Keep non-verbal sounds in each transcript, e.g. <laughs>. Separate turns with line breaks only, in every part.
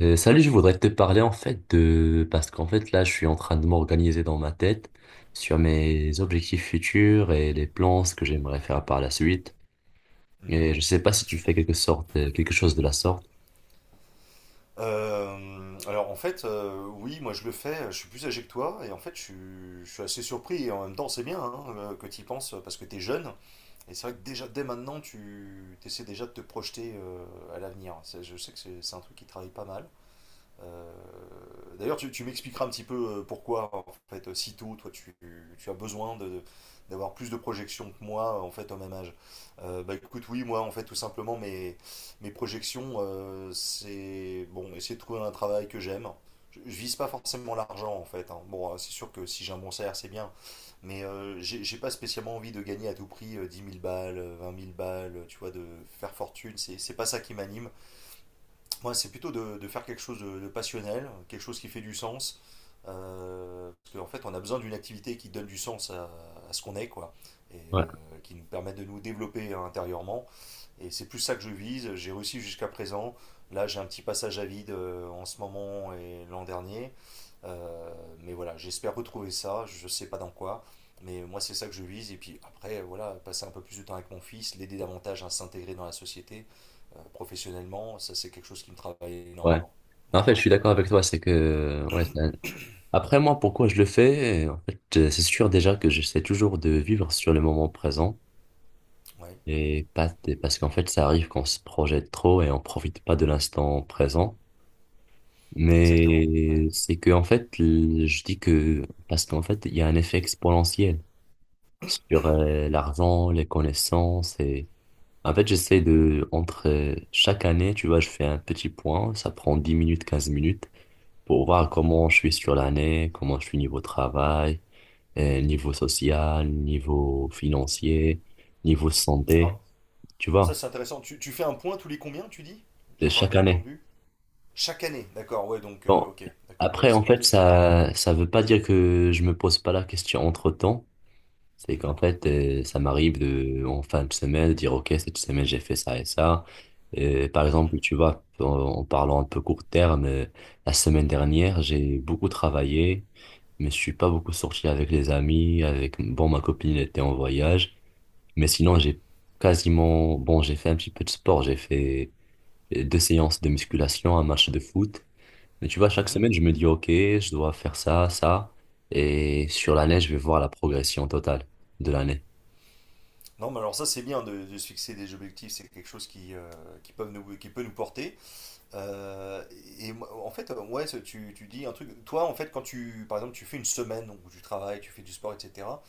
Salut, je voudrais te parler en fait Parce qu'en fait là, je suis en train de m'organiser dans ma tête sur mes objectifs futurs et les plans, ce que j'aimerais faire par la suite.
Mhm.
Et je sais pas si tu fais quelque sorte, quelque chose de la sorte.
Alors en fait, oui, moi je le fais. Je suis plus âgé que toi, et en fait je suis assez surpris, et en même temps c'est bien, hein, que tu y penses, parce que tu es jeune, et c'est vrai que déjà dès maintenant tu essaies déjà de te projeter à l'avenir. Je sais que c'est un truc qui travaille pas mal. Euh, D'ailleurs, tu m'expliqueras un petit peu pourquoi, en fait, si tôt, tu as besoin d'avoir plus de projections que moi, en fait, au même âge. Bah écoute, oui, moi, en fait, tout simplement, mes projections, c'est, bon, essayer de trouver un travail que j'aime. Je vise pas forcément l'argent, en fait, hein. Bon, c'est sûr que si j'ai un bon salaire, c'est bien. Mais j'ai pas spécialement envie de gagner à tout prix 10 000 balles, 20 000 balles, tu vois, de faire fortune. C'est pas ça qui m'anime. Moi, c'est plutôt de faire quelque chose de passionnel, quelque chose qui fait du sens. Parce qu'en fait, on a besoin d'une activité qui donne du sens à ce qu'on est, quoi, et
Ouais.
qui nous permet de nous développer intérieurement. Et c'est plus ça que je vise. J'ai réussi jusqu'à présent. Là, j'ai un petit passage à vide en ce moment et l'an dernier. Euh, mais voilà, j'espère retrouver ça. Je ne sais pas dans quoi. Mais moi, c'est ça que je vise. Et puis après, voilà, passer un peu plus de temps avec mon fils, l'aider davantage à s'intégrer dans la société professionnellement. Ça c'est quelque chose qui me travaille
Ouais.
énormément.
En fait,
Voilà.
je suis d'accord avec toi, ouais, après moi, pourquoi je le fais? En fait, c'est sûr déjà que j'essaie toujours de vivre sur le moment présent.
Ouais,
Et pas, et parce qu'en fait, ça arrive qu'on se projette trop et on profite pas de l'instant présent.
exactement. Ouais.
Mais c'est que, en fait, je dis que, parce qu'en fait, il y a un effet exponentiel sur l'argent, les connaissances et, en fait, j'essaie de, entre chaque année, tu vois, je fais un petit point, ça prend 10 minutes, 15 minutes pour voir
Mhm.
comment je suis sur l'année, comment je suis niveau travail, niveau social, niveau financier, niveau santé,
Alors,
tu
ça
vois,
c'est intéressant. Tu fais un point tous les combien, tu dis?
de
J'ai pas
chaque
bien
année.
entendu. Chaque année, d'accord, ouais, donc
Bon,
ok, d'accord, ouais,
après, en
c'est pas
fait,
tout le temps.
ça veut pas dire que je me pose pas la question entre-temps. C'est
Mhm,
qu'en fait, ça m'arrive de, en fin de semaine, de dire, OK, cette semaine, j'ai fait ça et ça. Par
mhm,
exemple, tu vois, en parlant un peu court terme, la semaine dernière, j'ai beaucoup travaillé, mais je suis pas beaucoup sorti avec les amis, avec, bon, ma copine était en voyage, mais sinon, j'ai quasiment, bon, j'ai fait un petit peu de sport, j'ai fait deux séances de musculation, un match de foot. Mais tu vois, chaque
mhm.
semaine, je me dis, OK, je dois faire ça, ça. Et sur l'année, je vais voir la progression totale de l'année.
Non, mais alors ça c'est bien de se fixer des objectifs, c'est quelque chose qui, qui peut nous porter. Euh, et moi, en fait, ouais, ça, tu dis un truc. Toi, en fait, quand tu, par exemple, tu fais une semaine donc, où tu travailles, tu fais du sport, etc.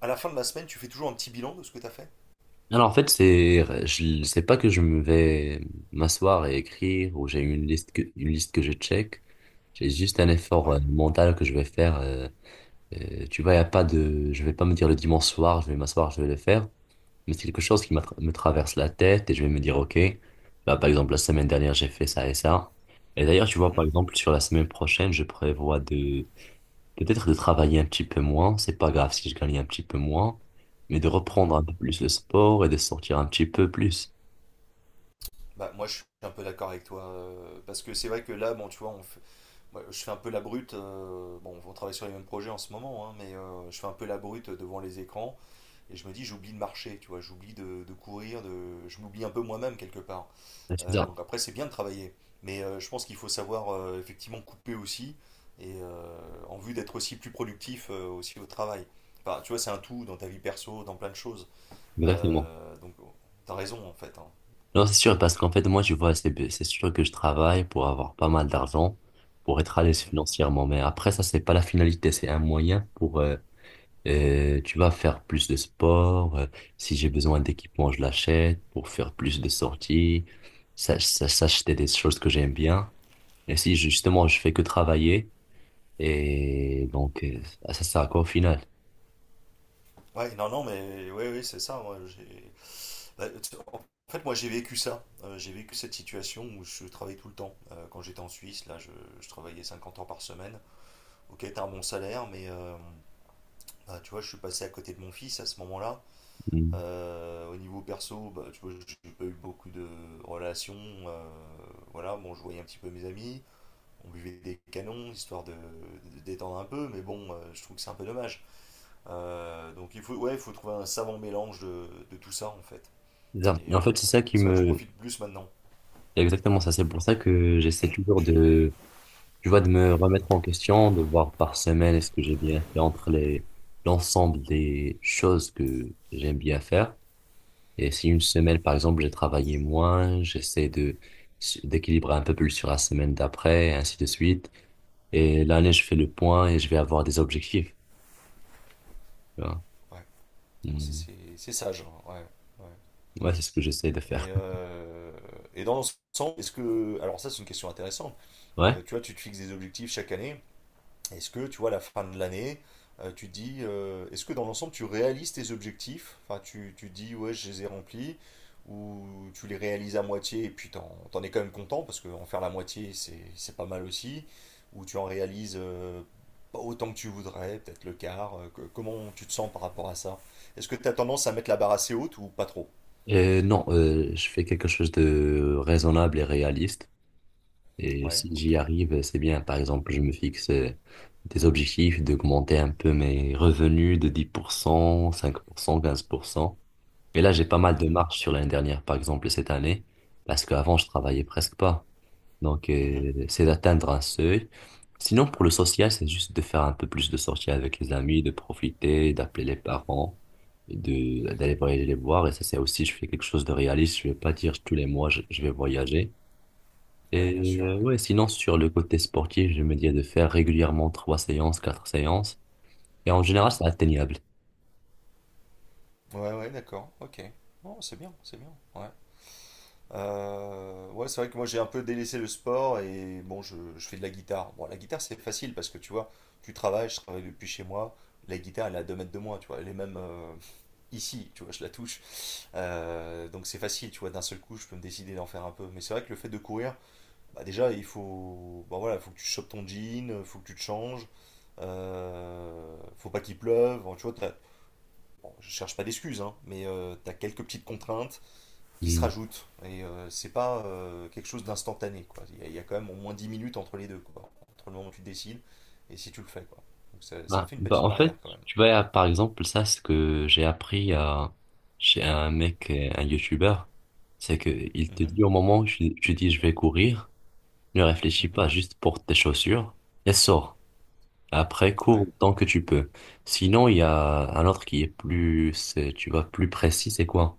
À la fin de la semaine, tu fais toujours un petit bilan de ce que tu as fait.
Alors, en fait, c'est, je sais pas que je me vais m'asseoir et écrire ou j'ai une liste que je check. J'ai juste un effort
Ouais.
mental que je vais faire. Tu vois, y a pas de, je vais pas me dire le dimanche soir, je vais m'asseoir, je vais le faire. Mais c'est quelque chose qui
Mhm,
me traverse la tête et je vais me dire, OK, là, par exemple, la semaine dernière, j'ai fait ça et ça. Et d'ailleurs, tu vois, par
mhm,
exemple, sur la semaine prochaine, je prévois de peut-être de travailler un petit peu moins, c'est pas grave si je gagne un petit peu moins, mais de
mhm.
reprendre un peu plus le sport et de sortir un petit peu plus.
Bah, moi, je suis un peu d'accord avec toi, parce que c'est vrai que là, bon, tu vois, moi, je fais un peu la brute. Bon, on travaille sur les mêmes projets en ce moment, hein, mais je fais un peu la brute devant les écrans. Et je me dis, j'oublie de marcher, tu vois, j'oublie de courir, de, je m'oublie un peu moi-même quelque part.
Ouais, c'est ça,
Donc après, c'est bien de travailler. Mais je pense qu'il faut savoir effectivement couper aussi. Et en vue d'être aussi plus productif aussi au travail. Enfin, tu vois, c'est un tout dans ta vie perso, dans plein de choses.
exactement.
Donc, t'as raison en fait, hein.
Non, c'est sûr, parce qu'en fait, moi, tu vois, c'est sûr que je travaille pour avoir pas mal d'argent, pour être à l'aise
Mhm.
financièrement, mais après, ça, c'est pas la finalité, c'est un moyen pour, tu vas faire plus de sport, si j'ai besoin d'équipement, je l'achète, pour faire plus de sorties, s'acheter des choses que j'aime bien. Et si justement, je fais que travailler, et donc, bah, ça sert à quoi au final?
Ouais, non, non, mais oui, c'est ça. Moi, j'ai... bah, en fait, moi, j'ai vécu ça. J'ai vécu cette situation où je travaillais tout le temps. Quand j'étais en Suisse, là, je travaillais 50 heures par semaine. Ok, t'as un bon salaire, mais bah, tu vois, je suis passé à côté de mon fils à ce moment-là.
Mm.
Au niveau perso, bah, tu vois, j'ai pas eu beaucoup de relations. euh, voilà, bon, je voyais un petit peu mes amis. On buvait des canons, histoire de détendre un peu, mais bon, je trouve que c'est un peu dommage. Donc il faut, ouais, il faut trouver un savant mélange de tout ça en fait. Et
En fait, c'est ça qui
c'est vrai que je
me.
profite plus maintenant.
Exactement ça, c'est pour ça que j'essaie toujours de, tu vois, de me remettre en question, de voir par semaine est-ce que j'ai bien fait entre les, l'ensemble des choses que j'aime bien faire. Et si une semaine, par exemple, j'ai travaillé moins, j'essaie de, d'équilibrer un peu plus sur la semaine d'après, et ainsi de suite. Et l'année, je fais le point et je vais avoir des objectifs. Tu vois.
Ouais. Non,
Mm.
c'est sage, hein. Ouais. Ouais.
Ouais, c'est ce que j'essaie de faire.
Et, euh, et dans l'ensemble, est-ce que... Alors ça c'est une question intéressante.
<laughs> Ouais.
Tu vois, tu te fixes des objectifs chaque année. Est-ce que, tu vois, à la fin de l'année, tu te dis, est-ce que dans l'ensemble, tu réalises tes objectifs? Enfin, tu te dis, ouais, je les ai remplis, ou tu les réalises à moitié et puis t'en es quand même content, parce qu'en faire la moitié, c'est pas mal aussi, ou tu en réalises pas autant que tu voudrais, peut-être le quart. Comment tu te sens par rapport à ça? Est-ce que tu as tendance à mettre la barre assez haute ou pas trop?
Non, je fais quelque chose de raisonnable et réaliste. Et
Ouais,
si j'y
ok.
arrive, c'est bien. Par exemple, je me fixe des objectifs d'augmenter un peu mes revenus de dix pour cent, 5%, 15%. Et là, j'ai pas mal de
Mhm,
marge sur l'année dernière, par exemple, et cette année, parce qu'avant, je travaillais presque pas. Donc,
mhm.
c'est d'atteindre un seuil. Sinon, pour le social, c'est juste de faire un peu plus de sorties avec les amis, de profiter, d'appeler les parents, d'aller voyager les voir. Et ça, c'est aussi, je fais quelque chose de réaliste. Je vais pas dire tous les mois, je vais voyager.
Ouais, bien
Et
sûr, ouais.
ouais, sinon, sur le côté sportif, je me dis de faire régulièrement trois séances, quatre séances. Et en général,
Mhm.
c'est atteignable.
Ouais, ouais, d'accord, ok. Oh, c'est bien, ouais. Ouais, c'est vrai que moi j'ai un peu délaissé le sport et bon, je fais de la guitare. Bon, la guitare c'est facile parce que tu vois, je travaille depuis chez moi. La guitare elle est à 2 mètres de moi, tu vois, elle est même ici, tu vois, je la touche. Donc c'est facile, tu vois, d'un seul coup je peux me décider d'en faire un peu. Mais c'est vrai que le fait de courir, bah, déjà il faut, bah, voilà, faut que tu chopes ton jean, faut que tu te changes, faut pas qu'il pleuve. Bon, tu vois, bon, je cherche pas d'excuses, hein, mais tu as quelques petites contraintes qui se
Hmm.
rajoutent. Et c'est pas quelque chose d'instantané, quoi. Il y a quand même au moins 10 minutes entre les deux, quoi. Entre le moment où tu décides et si tu le fais, quoi. Donc ça me
Ah,
fait une
bah
petite
en fait,
barrière quand même.
tu vois, par exemple, ça, ce que j'ai appris à, chez un mec, un youtubeur, c'est que il te
Mhm,
dit au moment où tu dis je vais courir, ne réfléchis
mhm.
pas, juste porte tes chaussures et sors. Après,
Ouais,
cours tant que tu peux. Sinon, il y a un autre qui est plus, tu vois, plus précis, c'est quoi?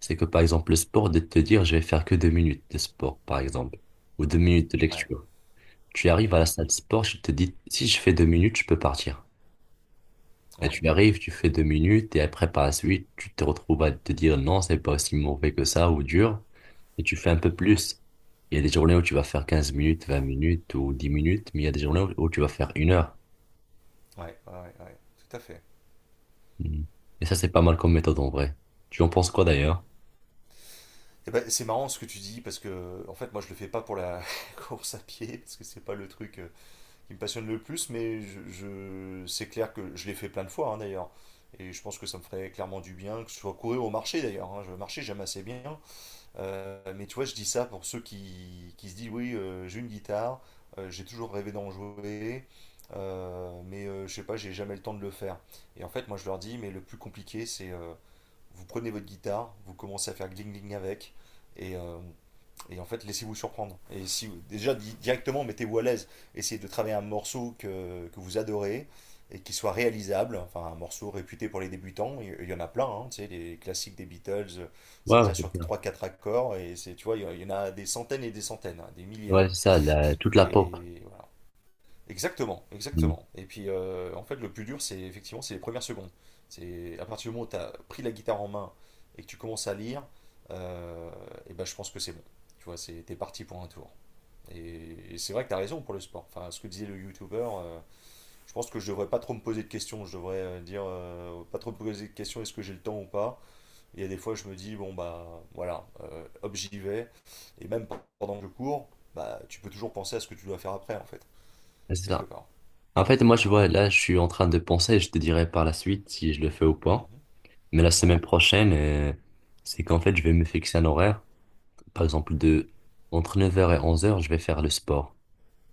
C'est que par exemple, le sport, de te dire je vais faire que 2 minutes de sport, par exemple, ou 2 minutes de
ouais,
lecture. Tu arrives à la
mhm,
salle de sport, je te dis si je fais 2 minutes, je peux partir. Là,
ouais,
tu arrives, tu fais 2 minutes et après, par la suite, tu te retrouves à te dire non, c'est pas aussi mauvais que ça ou dur et tu fais un peu
mhm,
plus. Il y a des journées où tu vas faire 15 minutes, 20 minutes ou 10 minutes, mais il y a des journées où tu vas faire 1 heure.
ouais, ouais, ouais, ouais, tout à fait.
Mm. Et ça, c'est pas mal comme méthode en vrai. Tu en penses quoi d'ailleurs?
Et ben, c'est marrant ce que tu dis parce que en fait moi je le fais pas pour la <laughs> course à pied parce que c'est pas le truc qui me passionne le plus mais c'est clair que je l'ai fait plein de fois, hein, d'ailleurs et je pense que ça me ferait clairement du bien que ce soit courir au marché d'ailleurs, hein. Je marchais, j'aime assez bien. Mais tu vois, je dis ça pour ceux qui se disent, oui, j'ai une guitare, j'ai toujours rêvé d'en jouer, mais je sais pas, j'ai jamais le temps de le faire. Et en fait, moi, je leur dis, mais le plus compliqué, c'est vous prenez votre guitare, vous commencez à faire gling gling avec, et euh, et en fait, laissez-vous surprendre. Et si déjà directement, mettez-vous à l'aise. Essayez de travailler un morceau que vous adorez et qui soit réalisable. Enfin, un morceau réputé pour les débutants. Il y en a plein, hein, tu sais, les classiques des Beatles, ça
Ouais, ouais,
tient
c'est
sur
ça.
trois quatre accords. Et c'est, tu vois, il y en a des centaines et des centaines, hein, des milliers
Ouais, c'est
même.
ça, toute la pop.
Et voilà. Exactement,
Mm.
exactement. Et puis en fait, le plus dur, c'est effectivement c'est les premières secondes. C'est à partir du moment où tu as pris la guitare en main et que tu commences à lire, euh, et ben je pense que c'est bon. Tu vois, c'est t'es parti pour un tour. Et c'est vrai que tu as raison pour le sport. Enfin, ce que disait le youtubeur, je pense que je devrais pas trop me poser de questions. Je devrais dire pas trop me poser de questions, est-ce que j'ai le temps ou pas. Il y a des fois, je me dis bon bah voilà, hop j'y vais. Et même pendant que je cours, bah tu peux toujours penser à ce que tu dois faire après en fait,
Ouais, c'est
quelque
ça.
part.
En fait, moi,
Voilà.
je vois, là, je suis en train de penser, je te dirai par la suite si je le fais ou pas.
Mhm.
Mais la
Ouais.
semaine prochaine, c'est qu'en fait, je vais me fixer un horaire. Par exemple, de entre 9h et 11h, je vais faire le sport.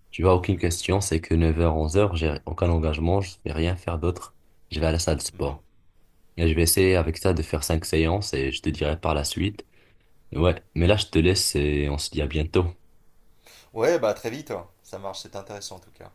Tu vois, aucune
Mhm,
question, c'est que 9h 11h, j'ai aucun engagement, je vais rien faire d'autre. Je vais à la salle de
mhm.
sport. Et je vais essayer avec ça de faire 5 séances et je te dirai par la suite. Ouais, mais là, je te laisse et on se dit à bientôt.
Ouais, bah très vite, hein. Ça marche, c'est intéressant en tout cas.